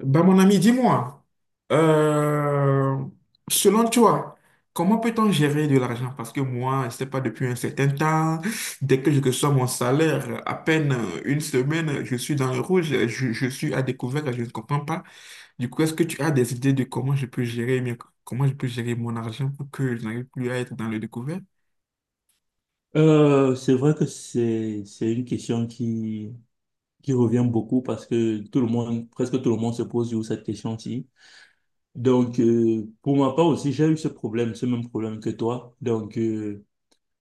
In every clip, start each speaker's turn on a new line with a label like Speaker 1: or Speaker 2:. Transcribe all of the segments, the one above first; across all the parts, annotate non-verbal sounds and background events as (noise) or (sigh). Speaker 1: Bah, mon ami, dis-moi, euh, selon toi, comment peut-on gérer de l'argent? Parce que moi, je ne sais pas, depuis un certain temps, dès que je reçois mon salaire, à peine une semaine, je suis dans le rouge, je suis à découvert, je ne comprends pas. Du coup, est-ce que tu as des idées de comment je peux comment je peux gérer mon argent pour que je n'arrive plus à être dans le découvert?
Speaker 2: C'est vrai que c'est une question qui revient beaucoup parce que tout le monde presque tout le monde se pose sur cette question-ci. Donc pour ma part aussi j'ai eu ce même problème que toi. Donc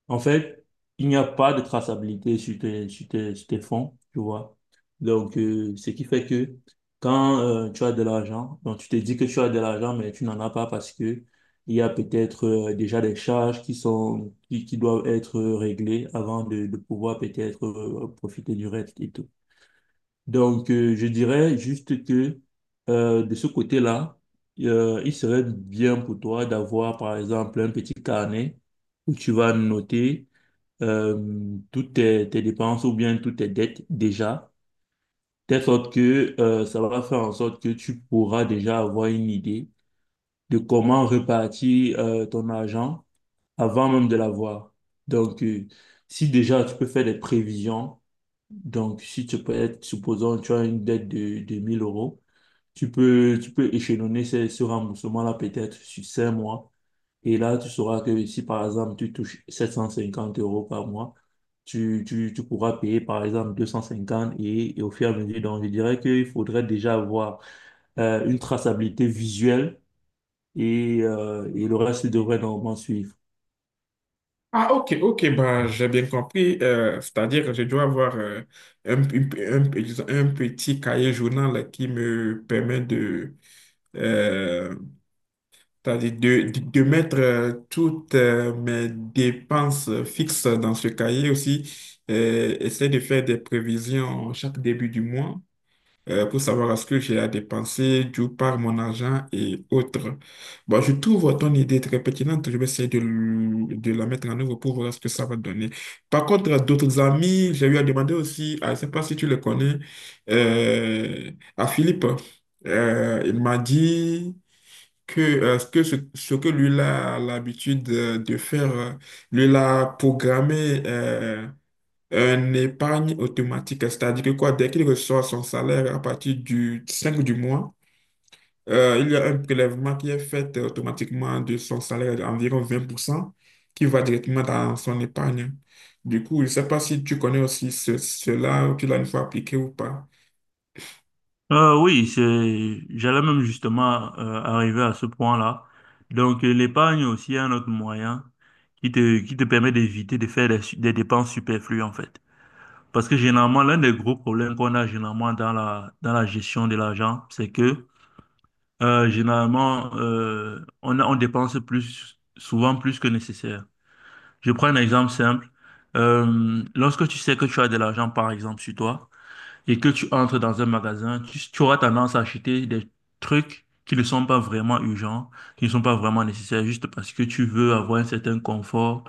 Speaker 2: en fait, il n'y a pas de traçabilité sur tes fonds, tu vois. Donc, ce qui fait que quand tu as de l'argent, donc tu te dis que tu as de l'argent, mais tu n'en as pas parce que il y a peut-être déjà des charges qui doivent être réglées avant de pouvoir peut-être profiter du reste et tout. Donc, je dirais juste que de ce côté-là, il serait bien pour toi d'avoir, par exemple, un petit carnet où tu vas noter toutes tes dépenses ou bien toutes tes dettes déjà, de sorte que ça va faire en sorte que tu pourras déjà avoir une idée de comment répartir ton argent avant même de l'avoir. Donc, si déjà tu peux faire des prévisions, donc si tu peux être, supposons, tu as une dette de 1000 euros, tu peux échelonner ce remboursement-là peut-être sur 5 mois et là, tu sauras que si par exemple tu touches 750 euros par mois, tu pourras payer par exemple 250 et au fur et à mesure. Donc, je dirais qu'il faudrait déjà avoir une traçabilité visuelle et le reste devrait normalement suivre.
Speaker 1: Ah, ok, ok, bah, j'ai bien compris. C'est-à-dire que je dois avoir disons, un petit cahier journal qui me permet de, euh, c'est-à-dire de mettre toutes mes dépenses fixes dans ce cahier aussi. Essayer de faire des prévisions chaque début du mois pour savoir est-ce que j'ai à dépenser d'où part mon argent et autres. Bon, je trouve ton idée très pertinente. Je vais essayer de la mettre en œuvre pour voir ce que ça va donner. Par contre, à d'autres amis, j'ai eu à demander aussi, je ne sais pas si tu le connais, euh, à Philippe. Il m'a dit que, ce que lui a l'habitude de faire, lui l'a programmé un épargne automatique, c'est-à-dire que quoi, dès qu'il reçoit son salaire à partir du 5 du mois, il y a un prélèvement qui est fait automatiquement de son salaire d'environ 20% qui va directement dans son épargne. Du coup, je ne sais pas si tu connais aussi cela ou tu l'as une fois appliqué ou pas.
Speaker 2: Oui, j'allais même justement arriver à ce point-là. Donc, l'épargne aussi est un autre moyen qui te permet d'éviter de faire des dépenses superflues, en fait. Parce que généralement, l'un des gros problèmes qu'on a généralement dans la gestion de l'argent, c'est que généralement, on dépense plus, souvent plus que nécessaire. Je prends un exemple simple. Lorsque tu sais que tu as de l'argent, par exemple, sur toi, et que tu entres dans un magasin, tu auras tendance à acheter des trucs qui ne sont pas vraiment urgents, qui ne sont pas vraiment nécessaires, juste parce que tu veux avoir un certain confort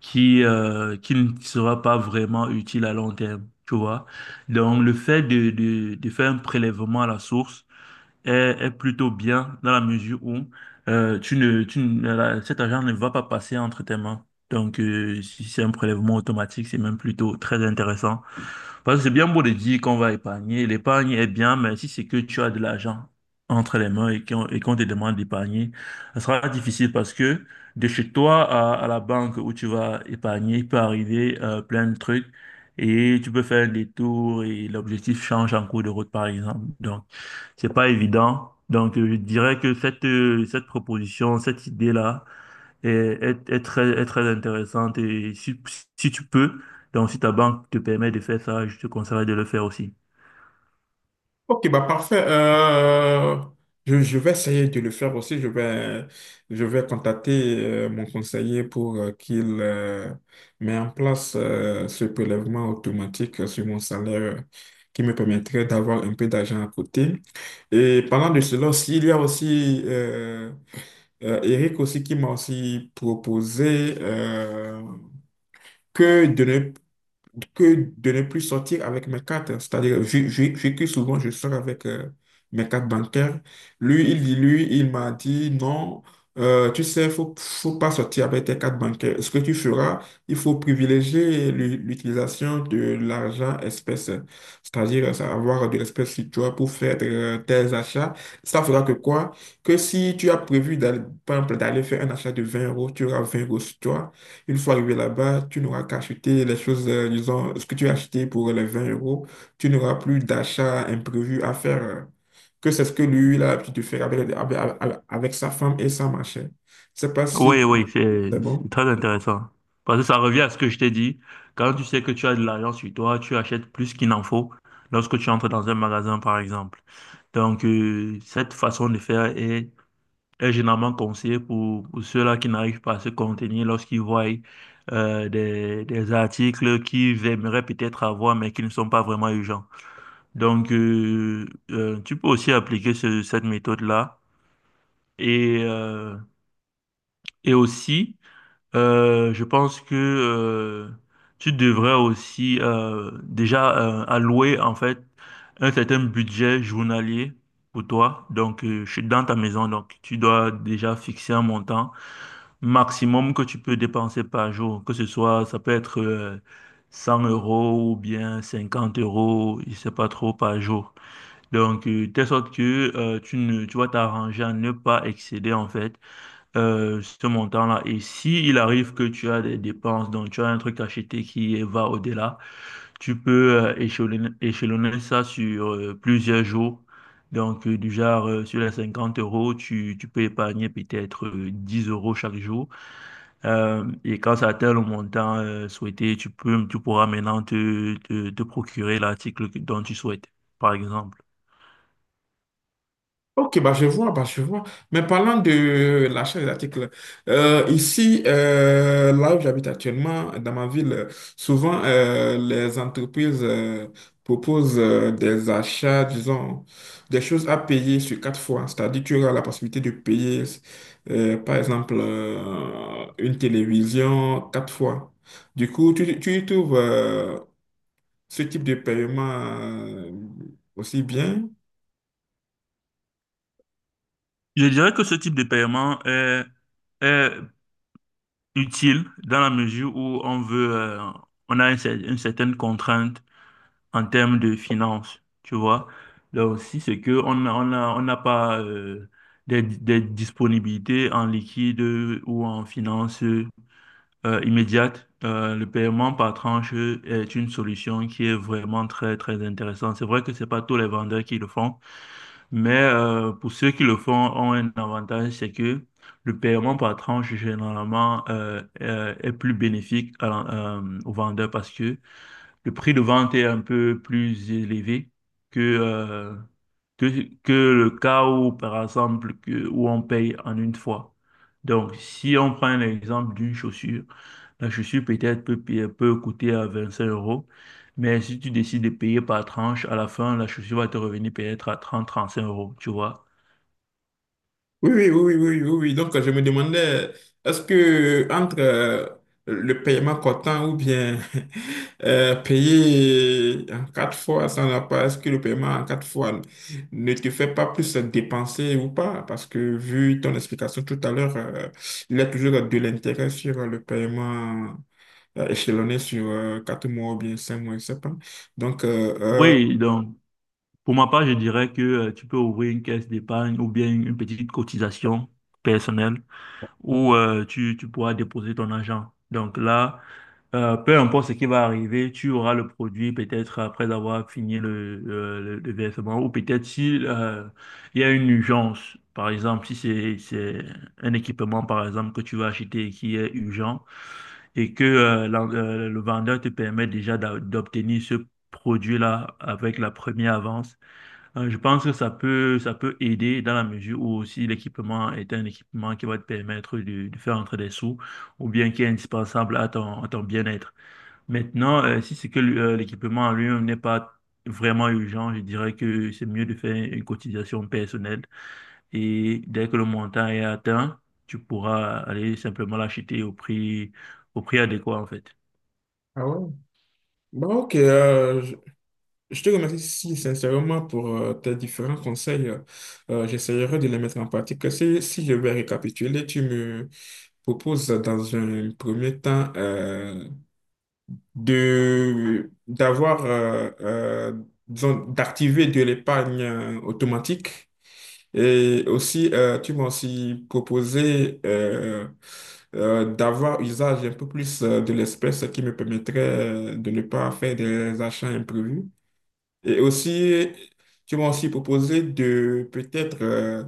Speaker 2: qui ne sera pas vraiment utile à long terme, tu vois. Donc, le fait de faire un prélèvement à la source est plutôt bien dans la mesure où tu ne- la- cet argent ne va pas passer entre tes mains. Donc, si c'est un prélèvement automatique, c'est même plutôt très intéressant. Parce que c'est bien beau de dire qu'on va épargner. L'épargne est bien, mais si c'est que tu as de l'argent entre les mains et qu'on te demande d'épargner, ça sera difficile parce que de chez toi à la banque où tu vas épargner, il peut arriver plein de trucs et tu peux faire un détour et l'objectif change en cours de route, par exemple. Donc, c'est pas évident. Donc, je dirais que cette proposition, cette idée-là, est très intéressante et si tu peux, donc si ta banque te permet de faire ça, je te conseillerais de le faire aussi.
Speaker 1: Ok, bah parfait. Je vais essayer de le faire aussi. Je vais contacter mon conseiller pour qu'il mette en place ce prélèvement automatique sur mon salaire qui me permettrait d'avoir un peu d'argent à côté. Et parlant de cela aussi, il y a aussi Eric aussi qui m'a aussi proposé que de ne que de ne plus sortir avec mes cartes. C'est-à-dire, vu que souvent je sors avec mes cartes bancaires, lui, il m'a dit non, tu sais, faut pas sortir avec tes cartes bancaires. Ce que tu feras, il faut privilégier l'utilisation de l'argent espèce, c'est-à-dire ça, avoir de l'espèce sur toi pour faire tes achats. Ça fera que quoi? Que si tu as prévu d'aller, par exemple, d'aller faire un achat de 20 euros, tu auras 20 euros sur toi. Une fois arrivé là-bas, tu n'auras qu'à acheter les choses, disons, ce que tu as acheté pour les 20 euros. Tu n'auras plus d'achat imprévu à faire, que c'est ce que lui, il a l'habitude de faire avec sa femme et sa machine. Je ne sais pas si
Speaker 2: Oui, oui, c'est
Speaker 1: c'est
Speaker 2: c'est
Speaker 1: bon.
Speaker 2: très intéressant. Parce que ça revient à ce que je t'ai dit. Quand tu sais que tu as de l'argent sur toi, tu achètes plus qu'il n'en faut lorsque tu entres dans un magasin, par exemple. Donc, cette façon de faire est généralement conseillée pour ceux-là qui n'arrivent pas à se contenir lorsqu'ils voient des articles qu'ils aimeraient peut-être avoir, mais qui ne sont pas vraiment urgents. Donc, tu peux aussi appliquer cette méthode-là. Et, euh, et aussi, je pense que tu devrais aussi déjà allouer en fait un certain budget journalier pour toi. Donc, je suis dans ta maison, donc tu dois déjà fixer un montant maximum que tu peux dépenser par jour. Que ce soit, ça peut être 100 euros ou bien 50 euros, je sais pas trop par jour. Donc, telle sorte que tu vas t'arranger à ne pas excéder en fait ce montant-là. Et si il arrive que tu as des dépenses, donc tu as un truc acheté qui va au-delà, tu peux échelonner ça sur plusieurs jours. Donc, du genre, sur les 50 euros, tu peux épargner peut-être 10 euros chaque jour. Et quand ça atteint le montant souhaité, tu pourras maintenant te procurer l'article dont tu souhaites, par exemple.
Speaker 1: Ok, bah je vois, bah je vois. Mais parlant de l'achat des articles, ici, là où j'habite actuellement, dans ma ville, souvent les entreprises proposent des achats, disons, des choses à payer sur quatre fois. C'est-à-dire tu auras la possibilité de payer, par exemple, une télévision quatre fois. Du coup, tu y trouves ce type de paiement euh, aussi bien.
Speaker 2: Je dirais que ce type de paiement est utile dans la mesure où on a une certaine contrainte en termes de finances, tu vois. Là aussi, c'est que on n'a pas des disponibilités en liquide ou en finances immédiates. Le paiement par tranche est une solution qui est vraiment très, très intéressante. C'est vrai que c'est pas tous les vendeurs qui le font. Mais pour ceux qui le font, ont un avantage, c'est que le paiement par tranche, généralement, est plus bénéfique au vendeur parce que le prix de vente est un peu plus élevé que, euh, que, que le cas où, par exemple, où on paye en une fois. Donc, si on prend l'exemple d'une chaussure, la chaussure peut-être peut coûter à 25 euros, mais si tu décides de payer par tranche, à la fin, la chaussure va te revenir peut-être à trente cinq euros, tu vois.
Speaker 1: Oui, oui, oui, oui, oui, oui, oui. Donc, je me demandais, est-ce que entre le paiement comptant ou bien (laughs) payer en quatre fois sans la part, est-ce que le paiement en quatre fois ne te fait pas plus dépenser ou pas? Parce que vu ton explication tout à l'heure, il y a toujours de l'intérêt sur le paiement échelonné sur quatre mois ou bien cinq mois, je sais pas. Donc, euh, euh,
Speaker 2: Oui, donc pour ma part, je dirais que tu peux ouvrir une caisse d'épargne ou bien une petite cotisation personnelle où tu pourras déposer ton argent. Donc là, peu importe ce qui va arriver, tu auras le produit peut-être après avoir fini le versement ou peut-être si il y a une urgence, par exemple, si c'est un équipement, par exemple, que tu vas acheter et qui est urgent et que le vendeur te permet déjà d'obtenir ce produit-là avec la première avance. Je pense que ça peut aider dans la mesure où aussi l'équipement est un équipement qui va te permettre de faire entrer des sous ou bien qui est indispensable à ton bien-être. Maintenant, si c'est que l'équipement en lui-même n'est pas vraiment urgent, je dirais que c'est mieux de faire une cotisation personnelle et dès que le montant est atteint, tu pourras aller simplement l'acheter au prix adéquat en fait.
Speaker 1: ah ouais. Bon, ok, je te remercie si sincèrement pour tes différents conseils. J'essaierai de les mettre en pratique. Si je vais récapituler, tu me proposes dans un premier temps de d'avoir disons, d'activer de l'épargne automatique. Et aussi, tu m'as aussi proposé d'avoir usage un peu plus de l'espèce qui me permettrait de ne pas faire des achats imprévus. Et aussi, tu m'as aussi proposé de peut-être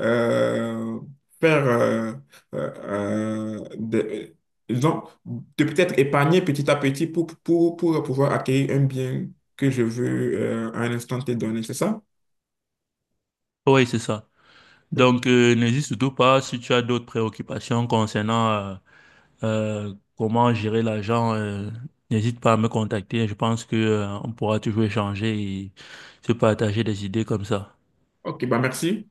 Speaker 1: euh, faire, euh, euh, des- disons, de peut-être épargner petit à petit pour, pour pouvoir acquérir un bien que je veux à un instant te donné, c'est ça?
Speaker 2: Oui, c'est ça.
Speaker 1: Ok,
Speaker 2: Donc, n'hésite surtout pas si tu as d'autres préoccupations concernant comment gérer l'argent. N'hésite pas à me contacter. Je pense que on pourra toujours échanger et se partager des idées comme ça.
Speaker 1: Ok, bah merci.